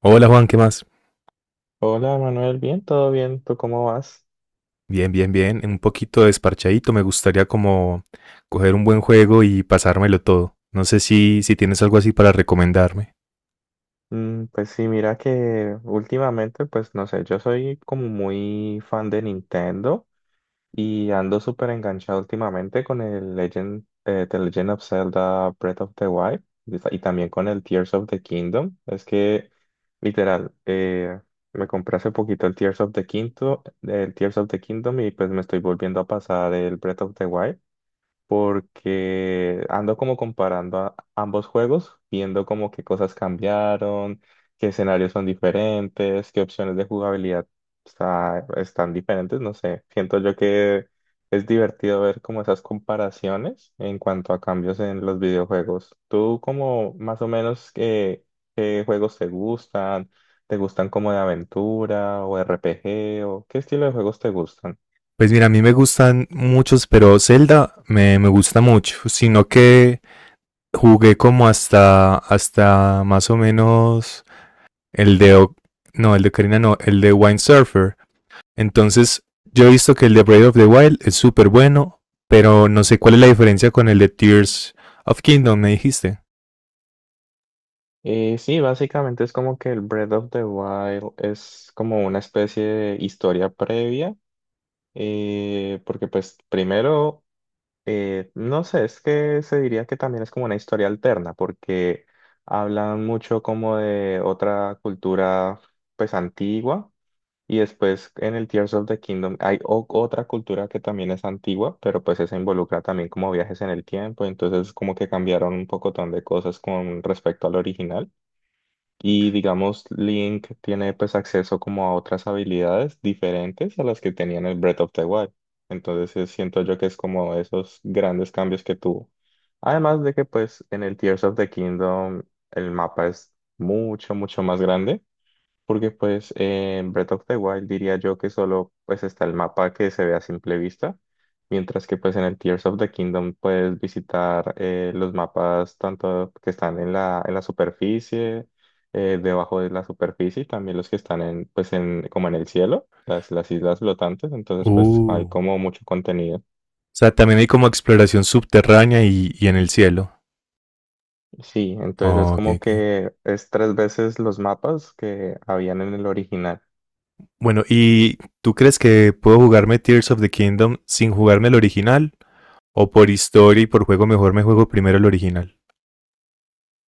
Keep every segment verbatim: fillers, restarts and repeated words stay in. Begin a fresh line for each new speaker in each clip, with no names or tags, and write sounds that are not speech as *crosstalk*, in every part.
Hola Juan, ¿qué más?
Hola Manuel, bien, todo bien, ¿tú cómo vas?
Bien, bien, bien. Un poquito desparchadito. Me gustaría como coger un buen juego y pasármelo todo. No sé si, si tienes algo así para recomendarme.
Mm, pues sí, mira que últimamente, pues no sé, yo soy como muy fan de Nintendo y ando súper enganchado últimamente con el Legend, eh, The Legend of Zelda Breath of the Wild y ta- y también con el Tears of the Kingdom. Es que, literal, eh, me compré hace poquito el Tears of the Kingdom, el Tears of the Kingdom y pues me estoy volviendo a pasar el Breath of the Wild, porque ando como comparando a- ambos juegos, viendo como qué cosas cambiaron, qué escenarios son diferentes, qué opciones de jugabilidad está- están diferentes, no sé. Siento yo que es divertido ver como esas comparaciones en cuanto a cambios en los videojuegos. ¿Tú como más o menos qué, qué juegos te gustan? ¿Te gustan como de aventura o R P G o qué estilo de juegos te gustan?
Pues mira, a mí me gustan muchos, pero Zelda me, me gusta mucho. Sino que jugué como hasta, hasta más o menos el de... O- No, el de Karina no, el de Wind Surfer. Entonces, yo he visto que el de Breath of the Wild es súper bueno, pero no sé cuál es la diferencia con el de Tears of Kingdom, me dijiste.
Y sí, básicamente es como que el Breath of the Wild es como una especie de historia previa, eh, porque pues primero, eh, no sé, es que se diría que también es como una historia alterna, porque hablan mucho como de otra cultura pues antigua, y después en el Tears of the Kingdom hay o- otra cultura que también es antigua, pero pues esa involucra también como viajes en el tiempo, entonces como que cambiaron un pocotón de cosas con respecto al original. Y digamos, Link tiene pues acceso como a otras habilidades diferentes a las que tenía en el Breath of the Wild. Entonces eh, siento yo que es como esos grandes cambios que tuvo. Además de que pues en el Tears of the Kingdom el mapa es mucho, mucho más grande. Porque pues en Breath of the Wild diría yo que solo pues está el mapa que se ve a simple vista, mientras que pues en el Tears of the Kingdom puedes visitar eh, los mapas tanto que están en la, en la superficie, eh, debajo de la superficie y también los que están en pues en como en el cielo, las, las islas flotantes, entonces pues hay
Uh, o
como mucho contenido.
sea, también hay como exploración subterránea y, y en el cielo.
Sí, entonces es
Oh, ok,
como
ok.
que es tres veces los mapas que habían en el original.
Bueno, ¿y tú crees que puedo jugarme Tears of the Kingdom sin jugarme el original? ¿O por historia y por juego mejor me juego primero el original?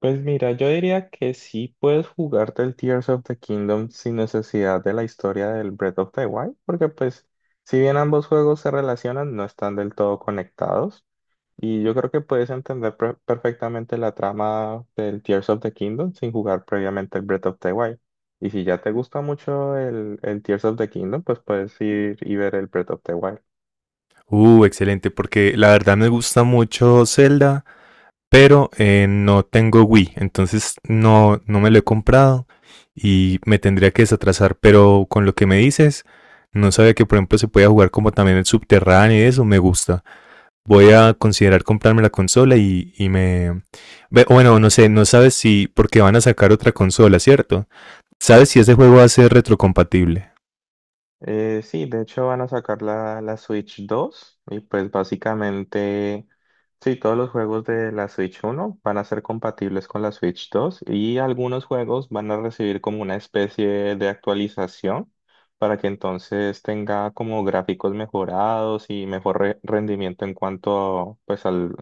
Pues mira, yo diría que sí puedes jugarte el Tears of the Kingdom sin necesidad de la historia del Breath of the Wild, porque pues si bien ambos juegos se relacionan, no están del todo conectados. Y yo creo que puedes entender per- perfectamente la trama del Tears of the Kingdom sin jugar previamente el Breath of the Wild. Y si ya te gusta mucho el, el Tears of the Kingdom, pues puedes ir y ver el Breath of the Wild.
Uh, excelente, porque la verdad me gusta mucho Zelda, pero eh, no tengo Wii, entonces no, no me lo he comprado y me tendría que desatrasar, pero con lo que me dices, no sabía que por ejemplo se podía jugar como también el subterráneo y eso me gusta. Voy a considerar comprarme la consola y, y me... Ve- Bueno, no sé, no sabes si... Porque van a sacar otra consola, ¿cierto? ¿Sabes si ese juego va a ser retrocompatible?
Eh, sí, de hecho van a sacar la, la Switch dos y pues básicamente, sí, todos los juegos de la Switch uno van a ser compatibles con la Switch dos y algunos juegos van a recibir como una especie de actualización para que entonces tenga como gráficos mejorados y mejor re- rendimiento en cuanto pues al,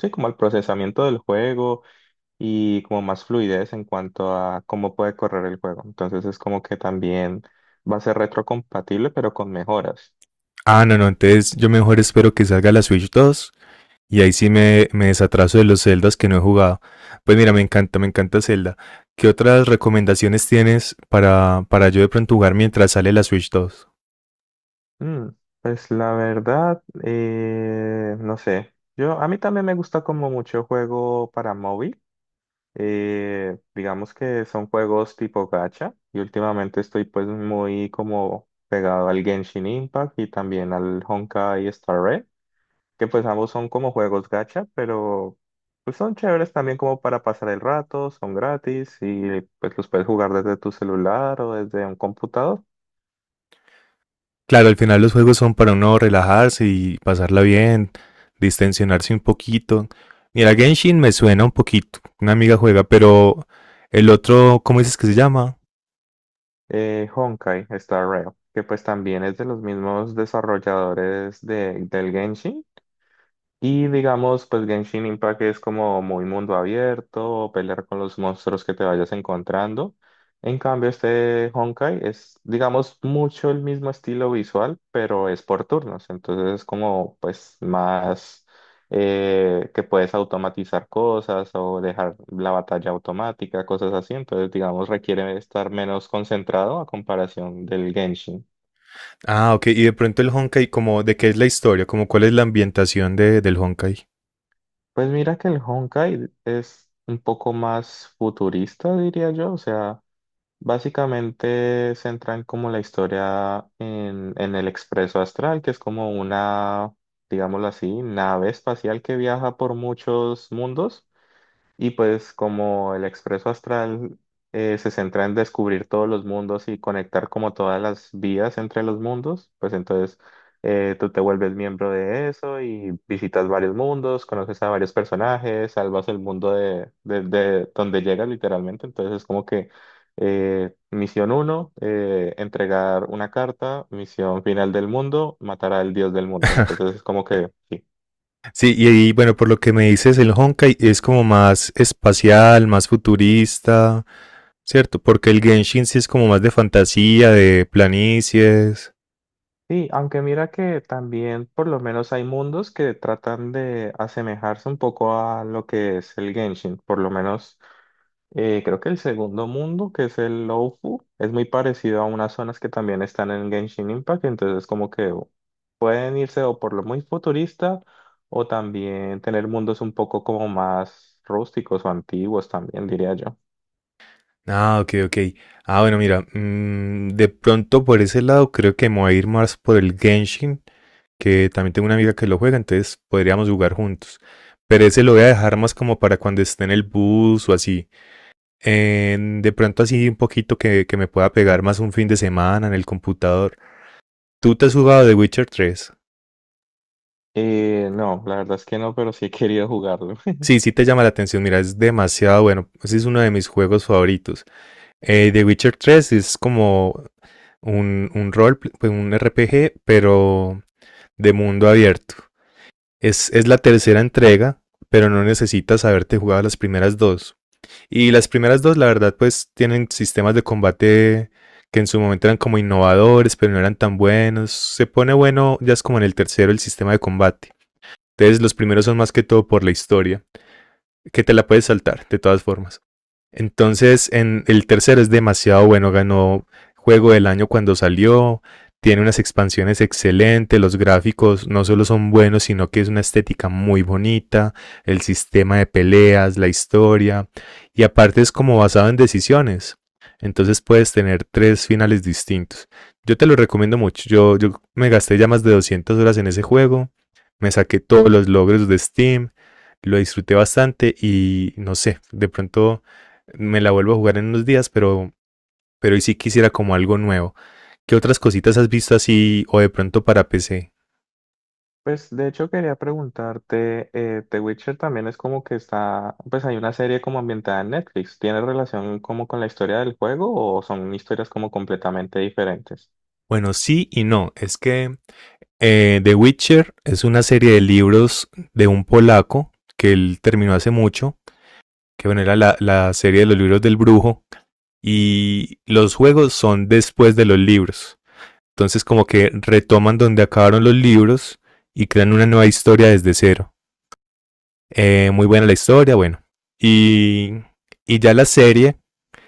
sí, como al procesamiento del juego y como más fluidez en cuanto a cómo puede correr el juego. Entonces es como que también va a ser retrocompatible, pero con mejoras.
Ah, no, no, entonces yo mejor espero que salga la Switch dos y ahí sí me, me desatraso de los Zeldas que no he jugado. Pues mira, me encanta, me encanta Zelda. ¿Qué otras recomendaciones tienes para, para yo de pronto jugar mientras sale la Switch dos?
Mm, pues la verdad, eh, no sé. Yo, a mí también me gusta como mucho juego para móvil. Eh, digamos que son juegos tipo gacha y últimamente estoy pues muy como pegado al Genshin Impact y también al Honkai Star Rail, que pues ambos son como juegos gacha, pero pues son chéveres también como para pasar el rato, son gratis y pues los puedes jugar desde tu celular o desde un computador.
Claro, al final los juegos son para uno relajarse y pasarla bien, distensionarse un poquito. Mira, Genshin me suena un poquito, una amiga juega, pero el otro, ¿cómo dices que se llama?
Eh, Honkai Star Rail, que pues también es de los mismos desarrolladores de, del Genshin. Y digamos, pues Genshin Impact es como muy mundo abierto, pelear con los monstruos que te vayas encontrando. En cambio, este Honkai es, digamos, mucho el mismo estilo visual, pero es por turnos. Entonces es como, pues, más eh, que puedes automatizar cosas o dejar la batalla automática, cosas así. Entonces, digamos, requiere estar menos concentrado a comparación del Genshin.
Ah, ok, y de pronto el Honkai, como de qué es la historia, como cuál es la ambientación de, del Honkai.
Pues mira que el Honkai es un poco más futurista, diría yo. O sea, básicamente centran como la historia en, en el Expreso Astral, que es como una, digámoslo así, nave espacial que viaja por muchos mundos. Y pues como el expreso astral eh, se centra en descubrir todos los mundos y conectar como todas las vías entre los mundos, pues entonces eh, tú te vuelves miembro de eso y visitas varios mundos, conoces a varios personajes, salvas el mundo de, de- de donde llegas literalmente. Entonces es como que eh, misión uno, entregar una carta, misión final del mundo, matar al dios del mundo. Entonces
*laughs*
es como que... sí.
Sí, y, ahí, bueno, por lo que me dices, el Honkai es como más espacial, más futurista, ¿cierto? Porque el Genshin sí es como más de fantasía, de planicies.
Sí, aunque mira que también por lo menos hay mundos que tratan de asemejarse un poco a lo que es el Genshin. Por lo menos eh, creo que el segundo mundo, que es el Lowfu, es muy parecido a unas zonas que también están en Genshin Impact. Entonces como que pueden irse o por lo muy futurista o también tener mundos un poco como más rústicos o antiguos también, diría yo.
Ah, ok, ok. Ah, bueno, mira, mm, de pronto por ese lado creo que me voy a ir más por el Genshin, que también tengo una amiga que lo juega, entonces podríamos jugar juntos. Pero ese lo voy a dejar más como para cuando esté en el bus o así. En- de pronto así un poquito que, que me pueda pegar más un fin de semana en el computador. ¿Tú te has jugado The Witcher tres?
Eh, no, la verdad es que no, pero sí he querido jugarlo.
Sí, sí te llama la atención, mira, es demasiado bueno. Ese es uno de mis juegos favoritos. Eh, The Witcher tres es como un, un rol, pues un R P G, pero de mundo abierto. Es, es la tercera entrega, pero no necesitas haberte jugado las primeras dos. Y las primeras dos, la verdad, pues tienen sistemas de combate que en su momento eran como innovadores, pero no eran tan buenos. Se pone bueno, ya es como en el tercero el sistema de combate. Entonces los primeros son más que todo por la historia, que te la puedes saltar de todas formas. Entonces, en el tercero es demasiado bueno, ganó juego del año cuando salió, tiene unas expansiones excelentes, los gráficos no solo son buenos, sino que es una estética muy bonita, el sistema de peleas, la historia, y aparte es como basado en decisiones. Entonces puedes tener tres finales distintos. Yo te lo recomiendo mucho. Yo, yo me gasté ya más de doscientas horas en ese juego. Me saqué todos los logros de Steam. Lo disfruté bastante y no sé, de pronto me la vuelvo a jugar en unos días, pero, pero hoy sí quisiera como algo nuevo. ¿Qué otras cositas has visto así o de pronto para P C?
Pues de hecho quería preguntarte, eh, The Witcher también es como que está, pues hay una serie como ambientada en Netflix. ¿Tiene relación como con la historia del juego o son historias como completamente diferentes?
Bueno, sí y no. Es que eh, The Witcher es una serie de libros de un polaco que él terminó hace mucho, que bueno, era la, la serie de los libros del brujo, y los juegos son después de los libros. Entonces como que retoman donde acabaron los libros y crean una nueva historia desde cero. Eh, muy buena la historia, bueno. Y, y ya la serie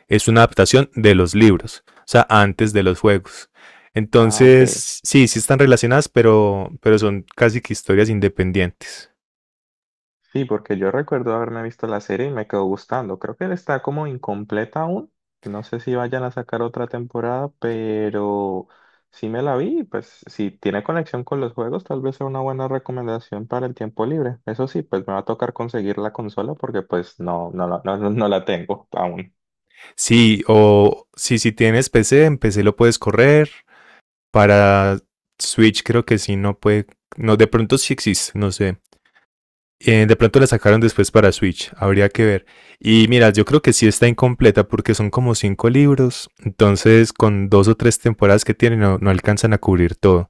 es una adaptación de los libros, o sea, antes de los juegos.
Ah, ok.
Entonces, sí, sí están relacionadas, pero, pero son casi que historias independientes.
Sí, porque yo recuerdo haberme visto la serie y me quedó gustando. Creo que está como incompleta aún. No sé si vayan a sacar otra temporada, pero sí me la vi. Pues si tiene conexión con los juegos, tal vez sea una buena recomendación para el tiempo libre. Eso sí, pues me va a tocar conseguir la consola porque pues no, no, la- no, no la tengo aún.
Sí, o si, si tienes P C, en P C lo puedes correr. Para Switch creo que sí, no puede. No, de pronto sí existe, no sé. Eh, de pronto la sacaron después para Switch, habría que ver. Y mira, yo creo que sí está incompleta porque son como cinco libros, entonces con dos o tres temporadas que tienen no, no alcanzan a cubrir todo.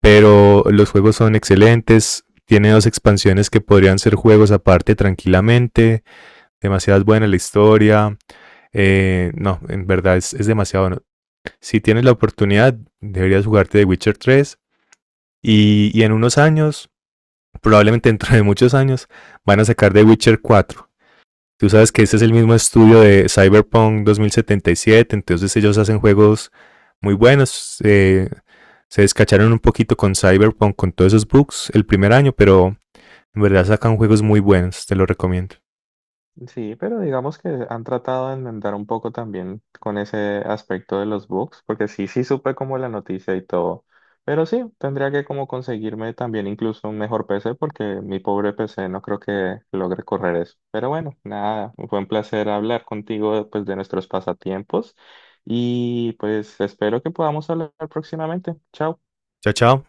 Pero los juegos son excelentes, tiene dos expansiones que podrían ser juegos aparte tranquilamente, demasiado buena la historia, eh, no, en verdad es, es demasiado bueno. Si tienes la oportunidad, deberías jugarte The Witcher tres y, y en unos años, probablemente dentro de muchos años, van a sacar The Witcher cuatro. Tú sabes que este es el mismo estudio de Cyberpunk dos mil setenta y siete, entonces ellos hacen juegos muy buenos. Eh, se descacharon un poquito con Cyberpunk, con todos esos bugs el primer año, pero en verdad sacan juegos muy buenos, te lo recomiendo.
Sí, pero digamos que han tratado de enmendar un poco también con ese aspecto de los bugs, porque sí, sí supe como la noticia y todo, pero sí, tendría que como conseguirme también incluso un mejor P C, porque mi pobre P C no creo que logre correr eso. Pero bueno, nada, fue un placer hablar contigo pues de nuestros pasatiempos y pues espero que podamos hablar próximamente. Chao.
Chao, chao.